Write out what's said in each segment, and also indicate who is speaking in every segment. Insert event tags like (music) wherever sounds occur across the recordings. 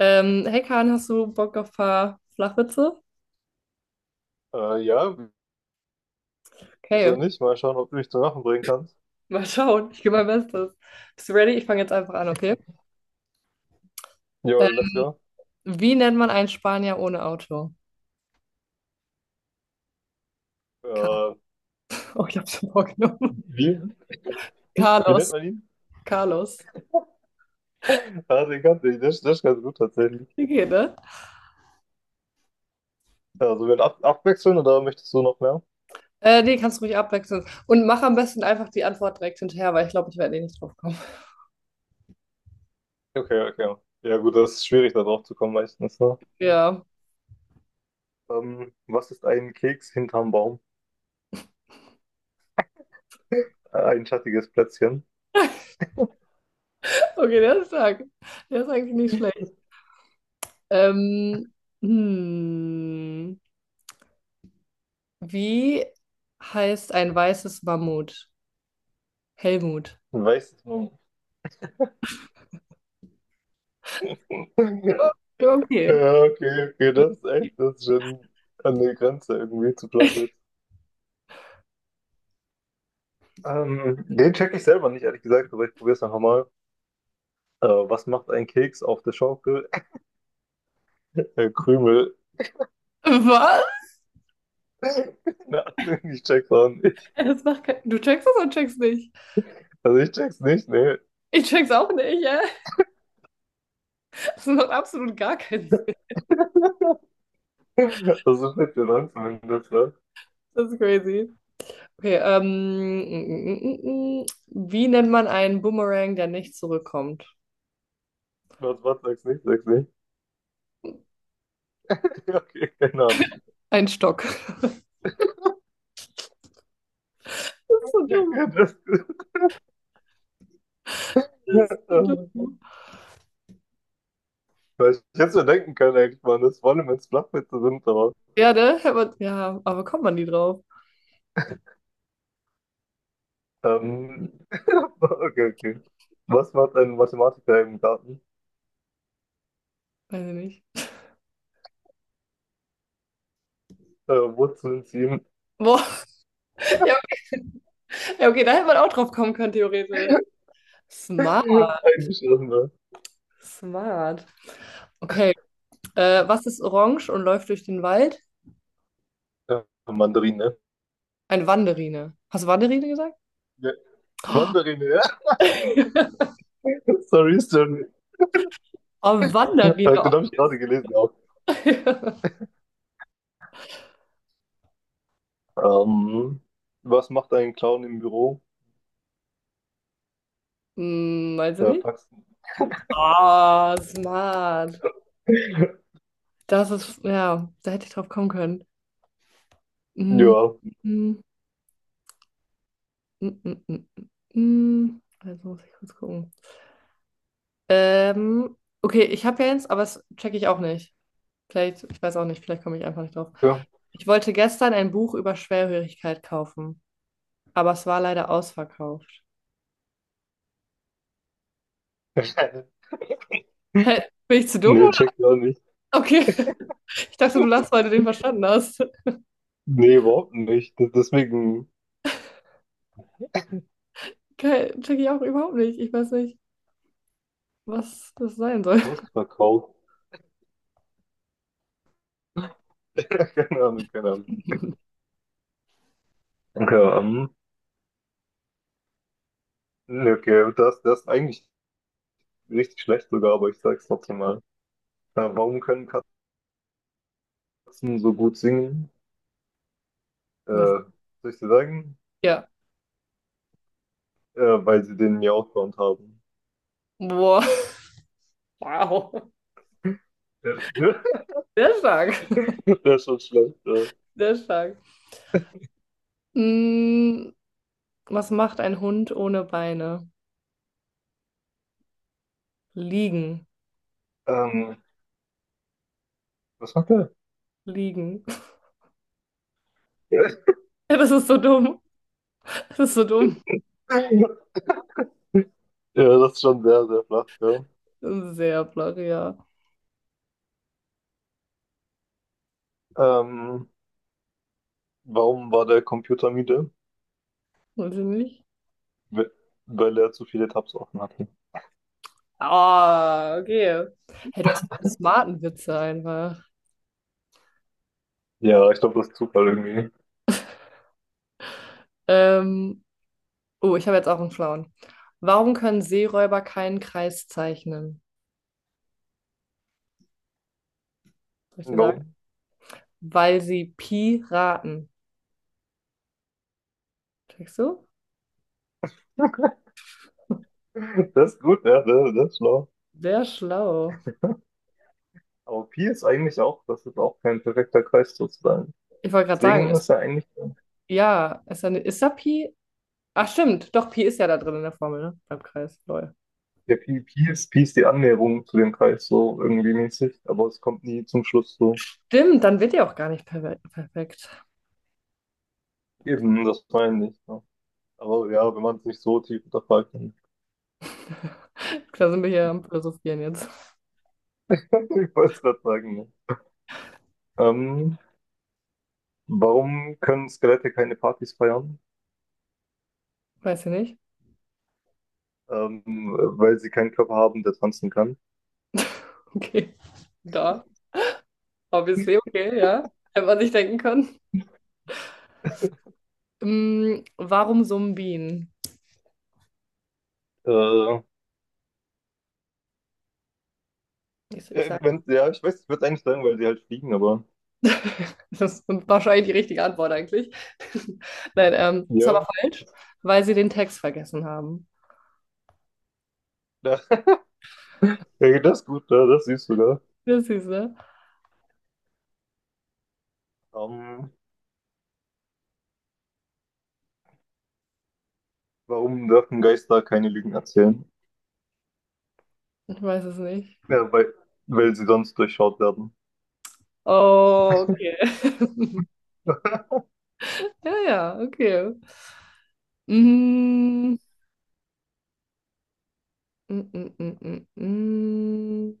Speaker 1: Hey Kahn, hast du Bock auf ein paar Flachwitze?
Speaker 2: Äh, ja, wieso
Speaker 1: Okay,
Speaker 2: nicht? Mal schauen, ob du mich zum Lachen bringen kannst.
Speaker 1: mal schauen. Ich gebe mein Bestes. Bist du ready? Ich fange jetzt einfach an, okay?
Speaker 2: Jo,
Speaker 1: Äh,
Speaker 2: let's go.
Speaker 1: wie nennt man einen Spanier ohne Auto? Car
Speaker 2: Äh,
Speaker 1: (laughs) oh, ich habe schon vorgenommen.
Speaker 2: wie,
Speaker 1: (laughs)
Speaker 2: wie nennt
Speaker 1: Carlos.
Speaker 2: man ihn?
Speaker 1: Carlos.
Speaker 2: Ah, den kannte ich. Der ist ganz gut tatsächlich.
Speaker 1: Okay, ne?
Speaker 2: Also wir ab abwechseln oder möchtest du noch mehr?
Speaker 1: Nee, kannst du ruhig abwechseln. Und mach am besten einfach die Antwort direkt hinterher, weil ich glaube, ich werde eh nicht drauf kommen. (laughs)
Speaker 2: Okay, okay. Ja, gut, das ist schwierig, da drauf zu kommen meistens, ne?
Speaker 1: Ja.
Speaker 2: Was ist ein Keks hinterm Baum? Ein schattiges Plätzchen.
Speaker 1: Okay, der ist stark. Der ist eigentlich nicht schlecht. Ähm, hm. Wie heißt ein weißes Mammut? Helmut.
Speaker 2: Ein weißes Baum. (laughs)
Speaker 1: Okay.
Speaker 2: Ja, okay, okay, das ist echt, das ist schon an der Grenze irgendwie zu flach wird. Den check ich selber nicht, ehrlich gesagt, aber ich probiere es einfach mal. Was macht ein Keks auf der Schaukel? (laughs) Krümel.
Speaker 1: Was?
Speaker 2: (laughs) Keine Ahnung, ich check's auch nicht.
Speaker 1: Das macht kein. Du checkst es und checkst nicht.
Speaker 2: Also ich check's nicht, ne.
Speaker 1: Ich check's auch nicht, ja. Das macht absolut gar keinen Sinn.
Speaker 2: (laughs) Das ist nicht der Langsam, wenn du das sagst.
Speaker 1: Das ist crazy. Okay, wie nennt man einen Boomerang, der nicht zurückkommt?
Speaker 2: Sag's nicht, sag's nicht. (laughs) Okay, keine Ahnung.
Speaker 1: Ein Stock. (laughs) Das ist so dumm.
Speaker 2: Ja, das, (laughs)
Speaker 1: Das ist so dumm.
Speaker 2: weil ich hätte mir denken können, eigentlich, man, das vor allem, wenn es Flachwitze sind, aber.
Speaker 1: Ja, ne? Hätte ja, aber kommt man die drauf?
Speaker 2: Ähm, (laughs) okay, okay. Was macht ein Mathematiker im Garten?
Speaker 1: Weiß ich nicht.
Speaker 2: Wurzeln ziehen.
Speaker 1: Boah, (laughs) ja, ja, okay, da hätte man auch drauf kommen können, theoretisch. Smart,
Speaker 2: (laughs) Eingeschlossen, ne?
Speaker 1: smart. Okay, was ist orange und läuft durch den Wald?
Speaker 2: Äh, Mandarine.
Speaker 1: Eine Wanderine. Hast du Wanderine gesagt?
Speaker 2: Ja, Mandarine, ja.
Speaker 1: (laughs)
Speaker 2: (laughs) Sorry, sorry.
Speaker 1: Oh, Wanderine.
Speaker 2: Den habe ich gerade gelesen auch.
Speaker 1: (laughs)
Speaker 2: Ähm, Was macht ein Clown im Büro?
Speaker 1: Hm, meinst du
Speaker 2: Ja,
Speaker 1: nicht?
Speaker 2: Faxen.
Speaker 1: Oh, smart.
Speaker 2: (laughs)
Speaker 1: Das ist, ja, da hätte ich drauf kommen können. Mm,
Speaker 2: Ja.
Speaker 1: mm, mm, mm, mm, mm. Also muss ich kurz gucken. Ähm, okay, ich habe ja eins, aber das checke ich auch nicht. Vielleicht, ich weiß auch nicht, vielleicht komme ich einfach nicht drauf.
Speaker 2: Ja.
Speaker 1: Ich wollte gestern ein Buch über Schwerhörigkeit kaufen, aber es war leider ausverkauft.
Speaker 2: (laughs)
Speaker 1: Hä, bin ich zu dumm
Speaker 2: Nee,
Speaker 1: oder?
Speaker 2: check ja nicht.
Speaker 1: Okay. Ich dachte, du lachst, weil du den verstanden hast.
Speaker 2: Nee, überhaupt nicht. Deswegen
Speaker 1: Geil, check ich auch überhaupt nicht. Ich weiß nicht, was das sein soll.
Speaker 2: ausverkauft. (laughs) Keine Ahnung, keine Ahnung.
Speaker 1: (laughs)
Speaker 2: Okay, nee, okay, das ist eigentlich richtig schlecht sogar, aber ich sag's trotzdem mal. Warum können Katzen so gut singen? Äh,
Speaker 1: Was?
Speaker 2: Soll ich dir sagen?
Speaker 1: Ja.
Speaker 2: Äh, Weil sie den Miau-Sound haben.
Speaker 1: Boah. Wow.
Speaker 2: Ja. (laughs)
Speaker 1: Sehr stark.
Speaker 2: Das ist schon schlecht. Ja.
Speaker 1: Sehr stark. Mm, was macht ein Hund ohne Beine? Liegen.
Speaker 2: Ähm, Das macht er.
Speaker 1: Liegen. (laughs) Ja, das ist so dumm. Das ist so dumm.
Speaker 2: (laughs) Ja, das ist schon sehr, sehr flach, ja.
Speaker 1: Sehr flach, ja.
Speaker 2: Ähm, Warum war der Computer müde?
Speaker 1: Weiß ich nicht.
Speaker 2: We- Weil er zu viele Tabs offen hatte.
Speaker 1: Ah, okay. Hey, du hast einen smarten Witze einfach.
Speaker 2: Ja, ich glaube, das ist Zufall irgendwie.
Speaker 1: Ähm, Oh, ich habe jetzt auch einen schlauen. Warum können Seeräuber keinen Kreis zeichnen? Soll ich dir sagen?
Speaker 2: Warum?
Speaker 1: Weil sie Piraten. Checkst du?
Speaker 2: Das ist gut, ja, das ist schlau.
Speaker 1: Sehr schlau.
Speaker 2: Aber Pi ist eigentlich auch, das ist auch kein perfekter Kreis sozusagen.
Speaker 1: Ich wollte gerade sagen,
Speaker 2: Deswegen
Speaker 1: ist,
Speaker 2: ist er eigentlich,
Speaker 1: ja, ist da Pi? Ach, stimmt. Doch, Pi ist ja da drin in der Formel, ne? Beim Kreis. Lol.
Speaker 2: der Pi, Pi ist die Annäherung zu dem Kreis so irgendwie mäßig, aber es kommt nie zum Schluss so.
Speaker 1: Stimmt, dann wird ja auch gar nicht perfekt.
Speaker 2: Eben, das meine ich. Ja. Aber ja, wenn man es nicht so tief unterfragt, dann.
Speaker 1: Klar sind wir hier am
Speaker 2: (laughs)
Speaker 1: Philosophieren jetzt.
Speaker 2: Ich wollte es gerade sagen, ne? Ähm, Warum können Skelette keine Partys feiern?
Speaker 1: Weiß ich nicht.
Speaker 2: Ähm, Weil sie keinen Körper haben, der tanzen kann.
Speaker 1: Okay. Da. Obviously, okay, ja. Hätte man sich denken können. Warum Sumbien?
Speaker 2: Äh,
Speaker 1: Ich sage.
Speaker 2: wenn, ja, ich weiß, ich würde eigentlich sagen, weil sie halt fliegen, aber
Speaker 1: Das ist wahrscheinlich die richtige Antwort eigentlich. (laughs) Nein, ist
Speaker 2: ja,
Speaker 1: aber falsch, weil sie den Text vergessen haben.
Speaker 2: da, (laughs) ja, das ist gut, ja, das siehst du sogar.
Speaker 1: Das ist ne?
Speaker 2: Ähm, Warum dürfen Geister keine Lügen erzählen?
Speaker 1: Ich weiß es nicht.
Speaker 2: Ja, weil sie sonst durchschaut werden.
Speaker 1: Oh, okay. (laughs)
Speaker 2: (laughs)
Speaker 1: Ja, ja, okay. Mm, mm, mm, mm, mm. mm.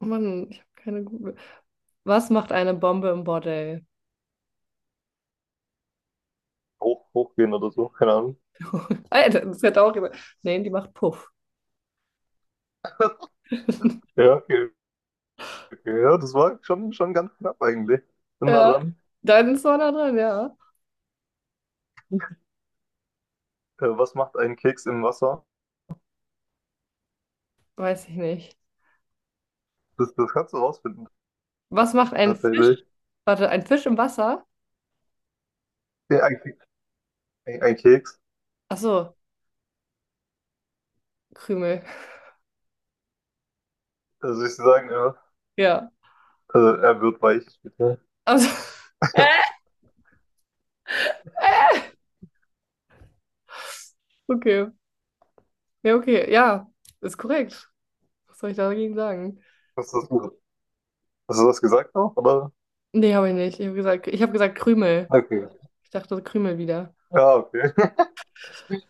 Speaker 1: Oh Mann, ich habe keine gute. Was macht eine Bombe im Bordell?
Speaker 2: Hoch, hochgehen oder so, keine Ahnung.
Speaker 1: (laughs) Alter, das hätte auch jemand. Nee, die macht Puff.
Speaker 2: Ja, okay, okay, ja, das war schon, schon ganz knapp eigentlich. Bin nah
Speaker 1: Ja,
Speaker 2: dran.
Speaker 1: dann ist man da drin, ja.
Speaker 2: Was macht ein Keks im Wasser?
Speaker 1: Weiß ich nicht.
Speaker 2: Das kannst du rausfinden,
Speaker 1: Was macht ein
Speaker 2: tatsächlich.
Speaker 1: Fisch? Warte, ein Fisch im Wasser?
Speaker 2: Ja, ein, Ke- ein Keks,
Speaker 1: Achso, Krümel.
Speaker 2: also ich dir sagen, ja.
Speaker 1: Ja.
Speaker 2: Also er wird weich später.
Speaker 1: Also, (laughs)
Speaker 2: (laughs)
Speaker 1: okay. Ja, okay. Ja, ist korrekt. Was soll ich dagegen sagen?
Speaker 2: Hast du das, hast du das gesagt auch, oder?
Speaker 1: Nee, habe ich nicht. Ich habe gesagt, ich hab gesagt Krümel.
Speaker 2: Okay.
Speaker 1: Ich dachte Krümel wieder.
Speaker 2: Ja, okay. (laughs)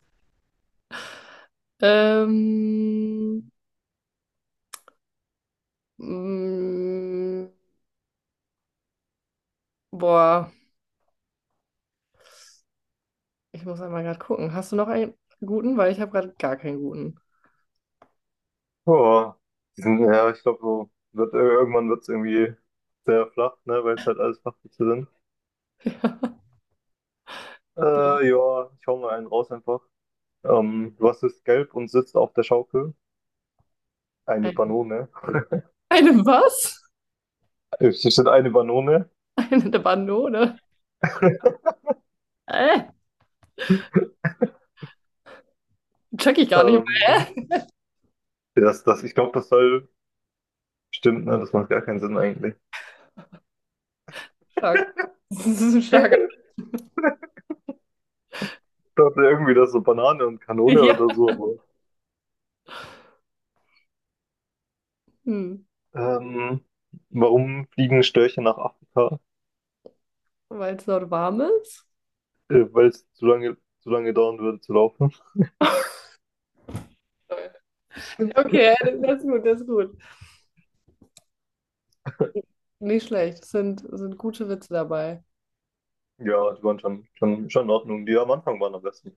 Speaker 1: Ähm, mm, boah, ich muss einmal gerade gucken. Hast du noch einen guten? Weil ich habe gerade gar keinen guten.
Speaker 2: Oh, die sind, ja, ich glaube, so wird, irgendwann wird es irgendwie sehr flach, ne, weil es halt alles Flachwitze sind.
Speaker 1: (laughs) So,
Speaker 2: Ja, ich hau mal einen raus einfach. Was ist gelb und sitzt auf der Schaukel? Eine
Speaker 1: ein-
Speaker 2: Banone.
Speaker 1: eine was?
Speaker 2: Hier steht eine Banone.
Speaker 1: Eine Banone?
Speaker 2: (laughs)
Speaker 1: Äh, check ich gar nicht
Speaker 2: Ähm,
Speaker 1: mehr.
Speaker 2: das, ich glaube, das soll stimmt, ne? Das macht gar keinen Sinn eigentlich.
Speaker 1: Stark. Das ist ein starker.
Speaker 2: (laughs) Dachte irgendwie, das ist so Banane und Kanone
Speaker 1: Ja.
Speaker 2: oder so.
Speaker 1: Hm,
Speaker 2: Aber, warum fliegen Störche nach Afrika?
Speaker 1: weil es dort warm ist?
Speaker 2: Weil es zu lange dauern würde zu laufen.
Speaker 1: Okay, (laughs) das ist gut, das ist gut. Nicht schlecht, es sind gute Witze dabei.
Speaker 2: Ja, die waren schon, schon, schon in Ordnung. Die am Anfang waren am besten.